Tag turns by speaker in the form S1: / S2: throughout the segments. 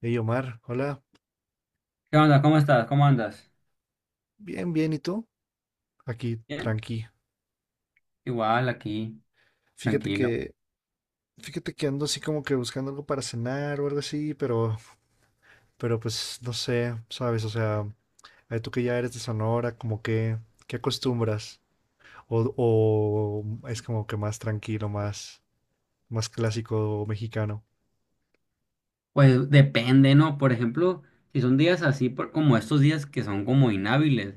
S1: Hey Omar, hola,
S2: ¿Qué onda? ¿Cómo estás? ¿Cómo andas?
S1: bien, bien, ¿y tú? Aquí,
S2: Bien.
S1: tranqui.
S2: Igual aquí,
S1: Fíjate
S2: tranquilo.
S1: que, Fíjate que ando así como que buscando algo para cenar o algo así, pero pues no sé, sabes, o sea, ay, tú que ya eres de Sonora, como que, ¿qué acostumbras? O es como que más tranquilo, más clásico mexicano.
S2: Pues depende, ¿no? Por ejemplo, si son días así como estos días que son como inhábiles,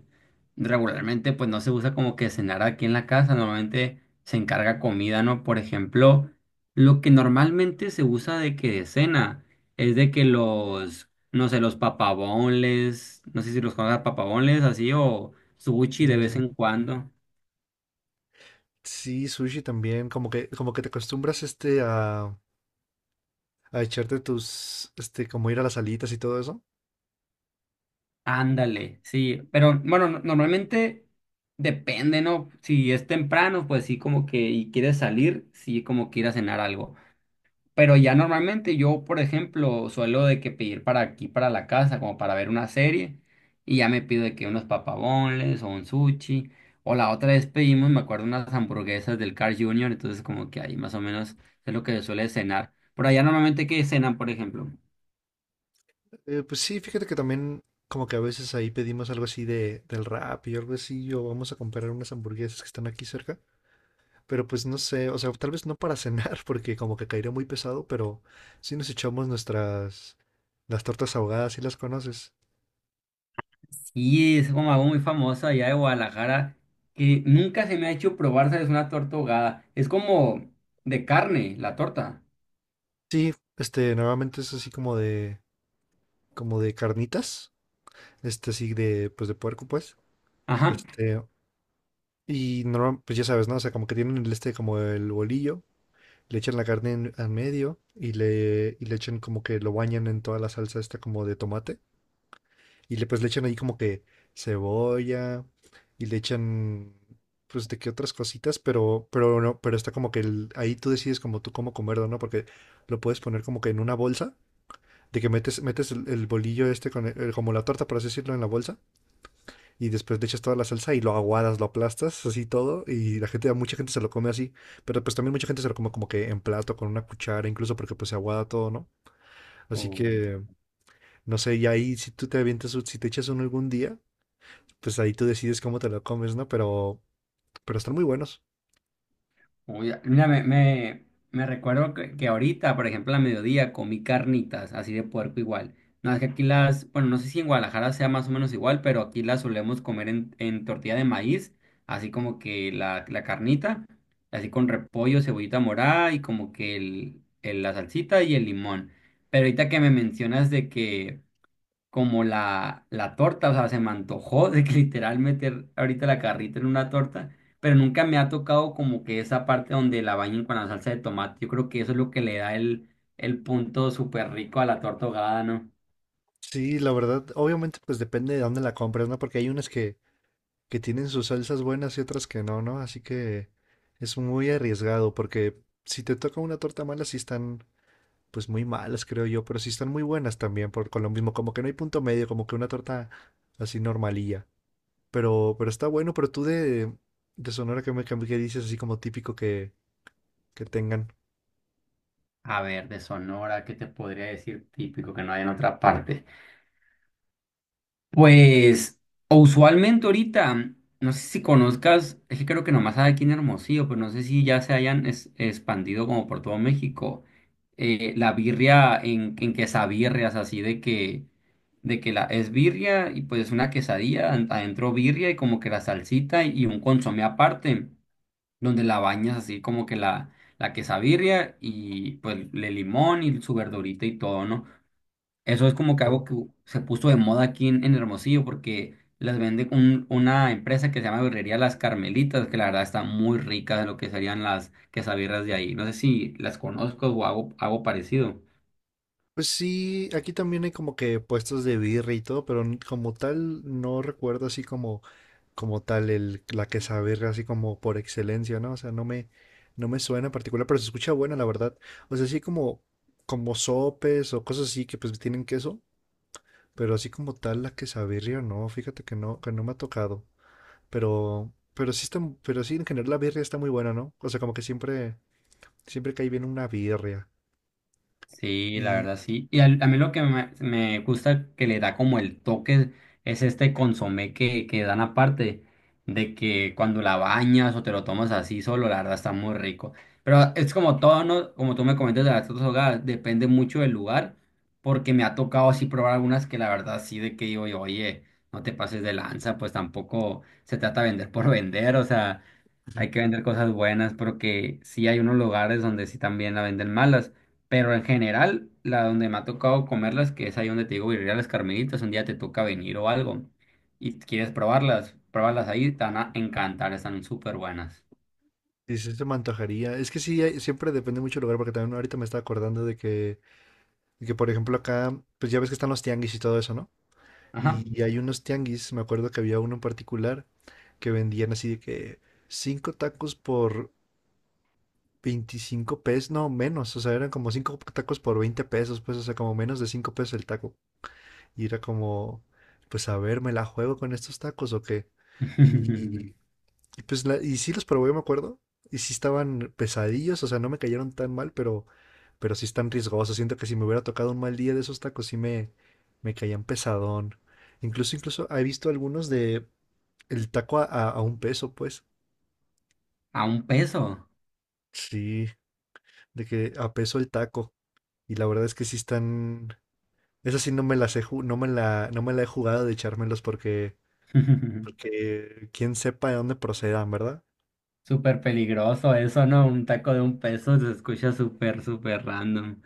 S2: regularmente pues no se usa como que cenar aquí en la casa, normalmente se encarga comida, ¿no? Por ejemplo, lo que normalmente se usa de que de cena es de que los, no sé, los papabones, no sé si los conozcas papabones así o sushi
S1: Sí,
S2: de
S1: sí,
S2: vez
S1: sí.
S2: en cuando.
S1: Sí, sushi también, como que, te acostumbras a echarte tus, como ir a las alitas y todo eso.
S2: Ándale, sí, pero bueno, normalmente depende, ¿no? Si es temprano, pues sí, como que y quieres salir, sí, como que ir a cenar algo. Pero ya normalmente yo, por ejemplo, suelo de que pedir para aquí, para la casa, como para ver una serie, y ya me pido de que unos papabones o un sushi, o la otra vez pedimos, me acuerdo, unas hamburguesas del Carl Jr., entonces como que ahí más o menos es lo que suele cenar. Por allá normalmente, ¿qué cenan, por ejemplo?
S1: Pues sí, fíjate que también como que a veces ahí pedimos algo así del rap y algo así, o vamos a comprar unas hamburguesas que están aquí cerca, pero pues no sé, o sea, tal vez no para cenar, porque como que caería muy pesado, pero sí nos echamos nuestras, las tortas ahogadas, si las conoces.
S2: Y es como algo muy famoso allá de Guadalajara que nunca se me ha hecho probar, es una torta ahogada. Es como de carne, la torta.
S1: Sí, normalmente es así como de, carnitas, así de, pues de puerco, pues,
S2: Ajá.
S1: este, y normal, pues ya sabes, ¿no? O sea, como que tienen el como el bolillo, le echan la carne al medio y le echan como que lo bañan en toda la salsa esta como de tomate. Y le, pues le echan ahí como que cebolla y le echan pues de qué otras cositas, pero no, pero está como que ahí tú decides como tú cómo comerlo, ¿no? Porque lo puedes poner como que en una bolsa, de que metes, metes el bolillo este con como la torta, por así decirlo, en la bolsa y después le echas toda la salsa y lo aguadas, lo aplastas, así todo, y la gente, a mucha gente se lo come así, pero pues también mucha gente se lo come como que en plato, con una cuchara, incluso porque pues se aguada todo, ¿no? Así que, no sé, y ahí si tú te avientas, si te echas uno algún día, pues ahí tú decides cómo te lo comes, ¿no? Pero están muy buenos.
S2: Uy, mira, me recuerdo que ahorita, por ejemplo, a mediodía comí carnitas, así de puerco igual. No, es que aquí las, bueno, no sé si en Guadalajara sea más o menos igual, pero aquí las solemos comer en tortilla de maíz, así como que la carnita, así con repollo, cebollita morada y como que el, la salsita y el limón. Pero ahorita que me mencionas de que como la torta, o sea, se me antojó de que literal meter ahorita la carrita en una torta, pero nunca me ha tocado como que esa parte donde la bañen con la salsa de tomate. Yo creo que eso es lo que le da el punto súper rico a la torta ahogada, ¿no?
S1: Sí, la verdad, obviamente pues depende de dónde la compres, ¿no? Porque hay unas que tienen sus salsas buenas y otras que no, ¿no? Así que es muy arriesgado porque si te toca una torta mala, sí están pues muy malas, creo yo, pero sí están muy buenas también, por, con lo mismo, como que no hay punto medio, como que una torta así normalilla. Pero está bueno, pero tú de Sonora, ¿qué dices así como típico que tengan?
S2: A ver, de Sonora, ¿qué te podría decir típico que no hay en otra parte? Pues, o usualmente ahorita, no sé si conozcas, es que creo que nomás hay aquí en Hermosillo, pero no sé si ya se hayan expandido como por todo México. La birria en quesabirrias, así de que la es birria y pues una quesadilla, adentro birria y como que la salsita y un consomé aparte, donde la bañas así como que la quesabirria y pues le limón y su verdurita y todo, ¿no? Eso es como que algo que
S1: Oh.
S2: se puso de moda aquí en Hermosillo porque las vende una empresa que se llama Birrería Las Carmelitas, que la verdad está muy rica de lo que serían las quesabirras de ahí. No sé si las conozco o hago, hago parecido.
S1: Pues sí, aquí también hay como que puestos de birria y todo, pero como tal no recuerdo así como tal la quesabirria así como por excelencia, ¿no? O sea, no me suena en particular, pero se escucha buena, la verdad. O sea, así como, como sopes o cosas así que pues tienen queso. Pero así como tal, la quesabirria, no, fíjate que no me ha tocado. Pero sí está, pero sí en general la birria está muy buena, ¿no? O sea, como que siempre cae bien una birria.
S2: Sí, la
S1: Y,
S2: verdad sí. Y a mí lo que me gusta que le da como el toque es este consomé que dan aparte, de que cuando la bañas o te lo tomas así solo, la verdad está muy rico. Pero es como todo, ¿no? Como tú me comentas de las otras hogadas, depende mucho del lugar, porque me ha tocado así probar algunas que la verdad sí de que digo yo, oye, no te pases de lanza, pues tampoco se trata de vender por vender, o sea. Hay que vender cosas buenas porque sí hay unos lugares donde sí también la venden malas, pero en general, la donde me ha tocado comerlas, que es ahí donde te digo, birria las Carmelitas, un día te toca venir o algo y quieres probarlas, pruébalas ahí, te van a encantar, están súper buenas.
S1: y sí se me antojaría. Es que sí, siempre depende mucho del lugar, porque también ahorita me estaba acordando por ejemplo, acá, pues ya ves que están los tianguis y todo eso, ¿no?
S2: Ajá.
S1: Y hay unos tianguis, me acuerdo que había uno en particular que vendían así de que cinco tacos por 25 pesos, no, menos, o sea, eran como 5 tacos por 20 pesos, pues, o sea, como menos de 5 pesos el taco. Y era como, pues, a ver, ¿me la juego con estos tacos o qué? Y, y pues, y sí los probé, me acuerdo, y sí estaban pesadillos, o sea, no me cayeron tan mal, pero, sí están riesgosos. Siento que si me hubiera tocado un mal día de esos tacos, sí me caían pesadón. Incluso he visto algunos de el taco a 1 peso, pues.
S2: A un peso.
S1: Sí de que a peso el taco. Y la verdad es que sí están. Esa sí no me las he ju- no me la he jugado de echármelos porque, porque quién sepa de dónde procedan, ¿verdad?
S2: Súper peligroso eso, ¿no? Un taco de un peso se escucha súper, súper random.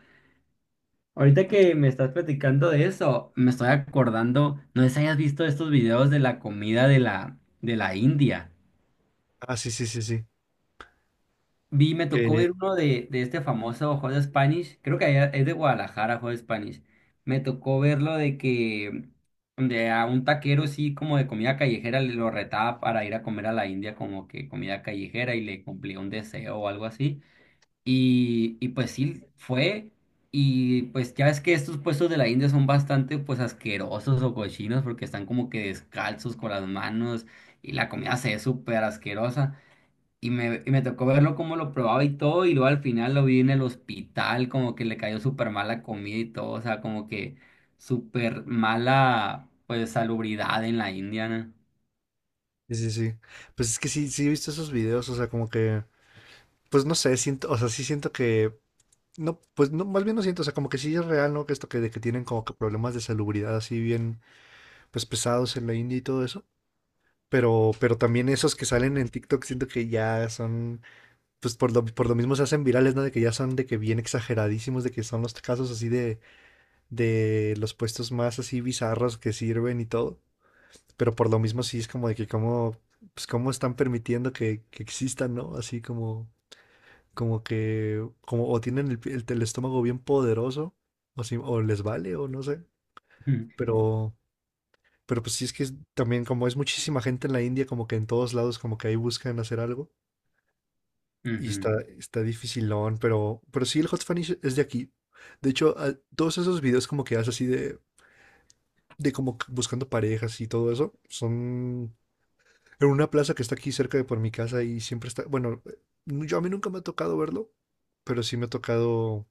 S2: Ahorita que me estás platicando de eso, me estoy acordando, no sé si hayas visto estos videos de la comida de la India.
S1: Ah, sí, sí, sí, sí.
S2: Vi, me tocó ver
S1: Que,
S2: uno de este famoso Hot Spanish, creo que allá- es de Guadalajara, Hot Spanish. Me tocó verlo de que de a un taquero sí como de comida callejera le lo retaba para ir a comer a la India como que comida callejera y le cumplía un deseo o algo así. Y pues sí, fue. Y pues ya ves que estos puestos de la India son bastante pues asquerosos o cochinos porque están como que descalzos con las manos y la comida se ve súper asquerosa. Y me tocó verlo como lo probaba y todo y luego al final lo vi en el hospital como que le cayó súper mal la comida y todo. O sea, como que súper mala pues salubridad en la India, ¿no?
S1: sí, sí, sí. Pues es que sí, sí he visto esos videos, o sea, como que, pues no sé, siento, o sea, sí siento que, no, pues no, más bien no siento, o sea, como que sí es real, ¿no? Que esto que, de que tienen como que problemas de salubridad así bien, pues pesados en la India y todo eso. pero también esos que salen en TikTok siento que ya son pues por lo mismo se hacen virales, ¿no? De que ya son de que bien exageradísimos, de que son los casos así de los puestos más así bizarros que sirven y todo. Pero por lo mismo sí es como de que cómo, pues cómo están permitiendo que existan, ¿no? Así como, como que, como o tienen el estómago bien poderoso, o, o les vale, o no sé. Pero, pero, pues sí es que también como es muchísima gente en la India, como que en todos lados como que ahí buscan hacer algo. Y
S2: Ujú.
S1: está, está dificilón, pero, sí, el Hot Spanish es de aquí. De hecho, todos esos videos como que haces así de como que buscando parejas y todo eso, son en una plaza que está aquí cerca de por mi casa y siempre está, bueno, yo a mí nunca me ha tocado verlo, pero sí me ha tocado,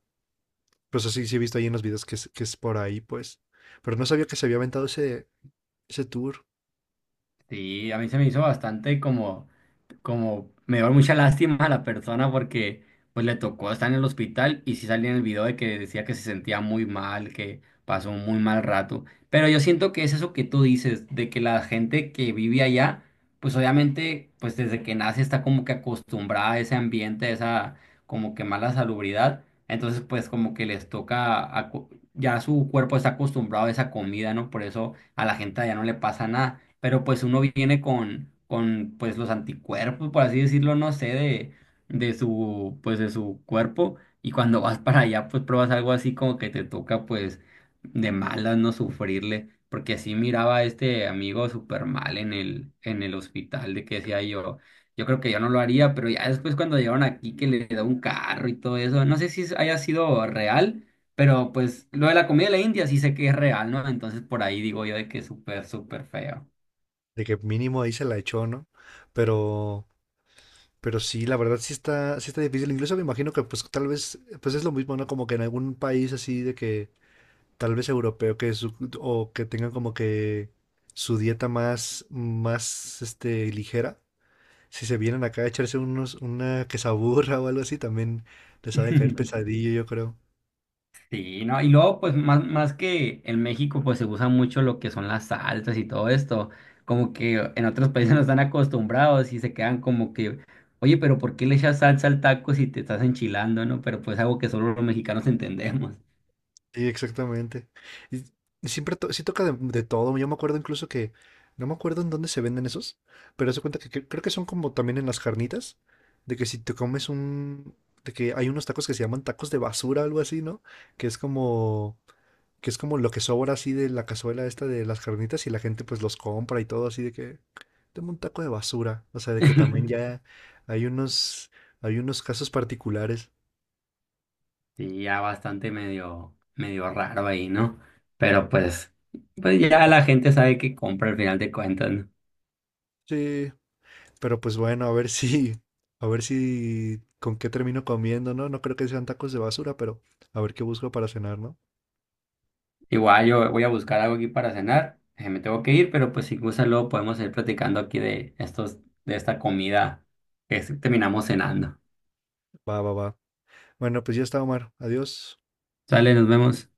S1: pues así sí he visto ahí en los videos que es por ahí, pues. Pero no sabía que se había aventado ese tour,
S2: Sí, a mí se me hizo bastante como, como, me dio mucha lástima a la persona porque pues le tocó estar en el hospital y sí salía en el video de que decía que se sentía muy mal, que pasó un muy mal rato. Pero yo siento que es eso que tú dices, de que la gente que vive allá, pues obviamente, pues desde que nace está como que acostumbrada a ese ambiente, a esa como que mala salubridad. Entonces pues como que les toca, ya su cuerpo está acostumbrado a esa comida, ¿no? Por eso a la gente allá no le pasa nada pero pues uno viene con pues los anticuerpos, por así decirlo, no sé, de su, pues de su cuerpo, y cuando vas para allá, pues pruebas algo así como que te toca, pues, de malas, no sufrirle, porque así miraba a este amigo súper mal en el hospital, de que decía yo, yo creo que yo no lo haría, pero ya después cuando llegaron aquí que le da un carro y todo eso, no sé si haya sido real. Pero pues lo de la comida de la India sí sé que es real, ¿no? Entonces por ahí digo yo de que es súper, súper feo.
S1: de que mínimo ahí se la echó, ¿no? Pero... Pero sí, la verdad sí está difícil. Incluso me imagino que pues tal vez, pues es lo mismo, ¿no? Como que en algún país así de que tal vez europeo que o que tengan como que su dieta más ligera. Si se vienen acá a echarse una quesaburra o algo así, también les ha de caer pesadillo, yo creo.
S2: Sí, no, y luego, pues, más, más que en México, pues se usa mucho lo que son las salsas y todo esto. Como que en otros países no están acostumbrados y se quedan como que, oye, pero ¿por qué le echas salsa al taco si te estás enchilando, no? Pero pues algo que solo los mexicanos entendemos.
S1: Sí, exactamente. Y, y siempre sí toca de todo. Yo me acuerdo incluso que, no me acuerdo en dónde se venden esos, pero se cuenta que, creo que son como también en las carnitas, de que si te comes un, de que hay unos tacos que se llaman tacos de basura, algo así, ¿no? Que es como, que es como lo que sobra así de la cazuela esta de las carnitas y la gente pues los compra y todo así de que, tengo un taco de basura. O sea, de que también ya hay unos, hay unos casos particulares.
S2: Sí, ya bastante medio, medio raro ahí, ¿no? Pero pues, pues ya la gente sabe que compra al final de cuentas, ¿no?
S1: Sí, pero pues bueno, a ver si, con qué termino comiendo, ¿no? No creo que sean tacos de basura, pero a ver qué busco para cenar, ¿no?
S2: Igual yo voy a buscar algo aquí para cenar. Me tengo que ir, pero pues si gusta luego podemos ir platicando aquí de estos, de esta comida que es- terminamos cenando.
S1: Va, va, va. Bueno, pues ya está, Omar. Adiós.
S2: Sale, nos vemos.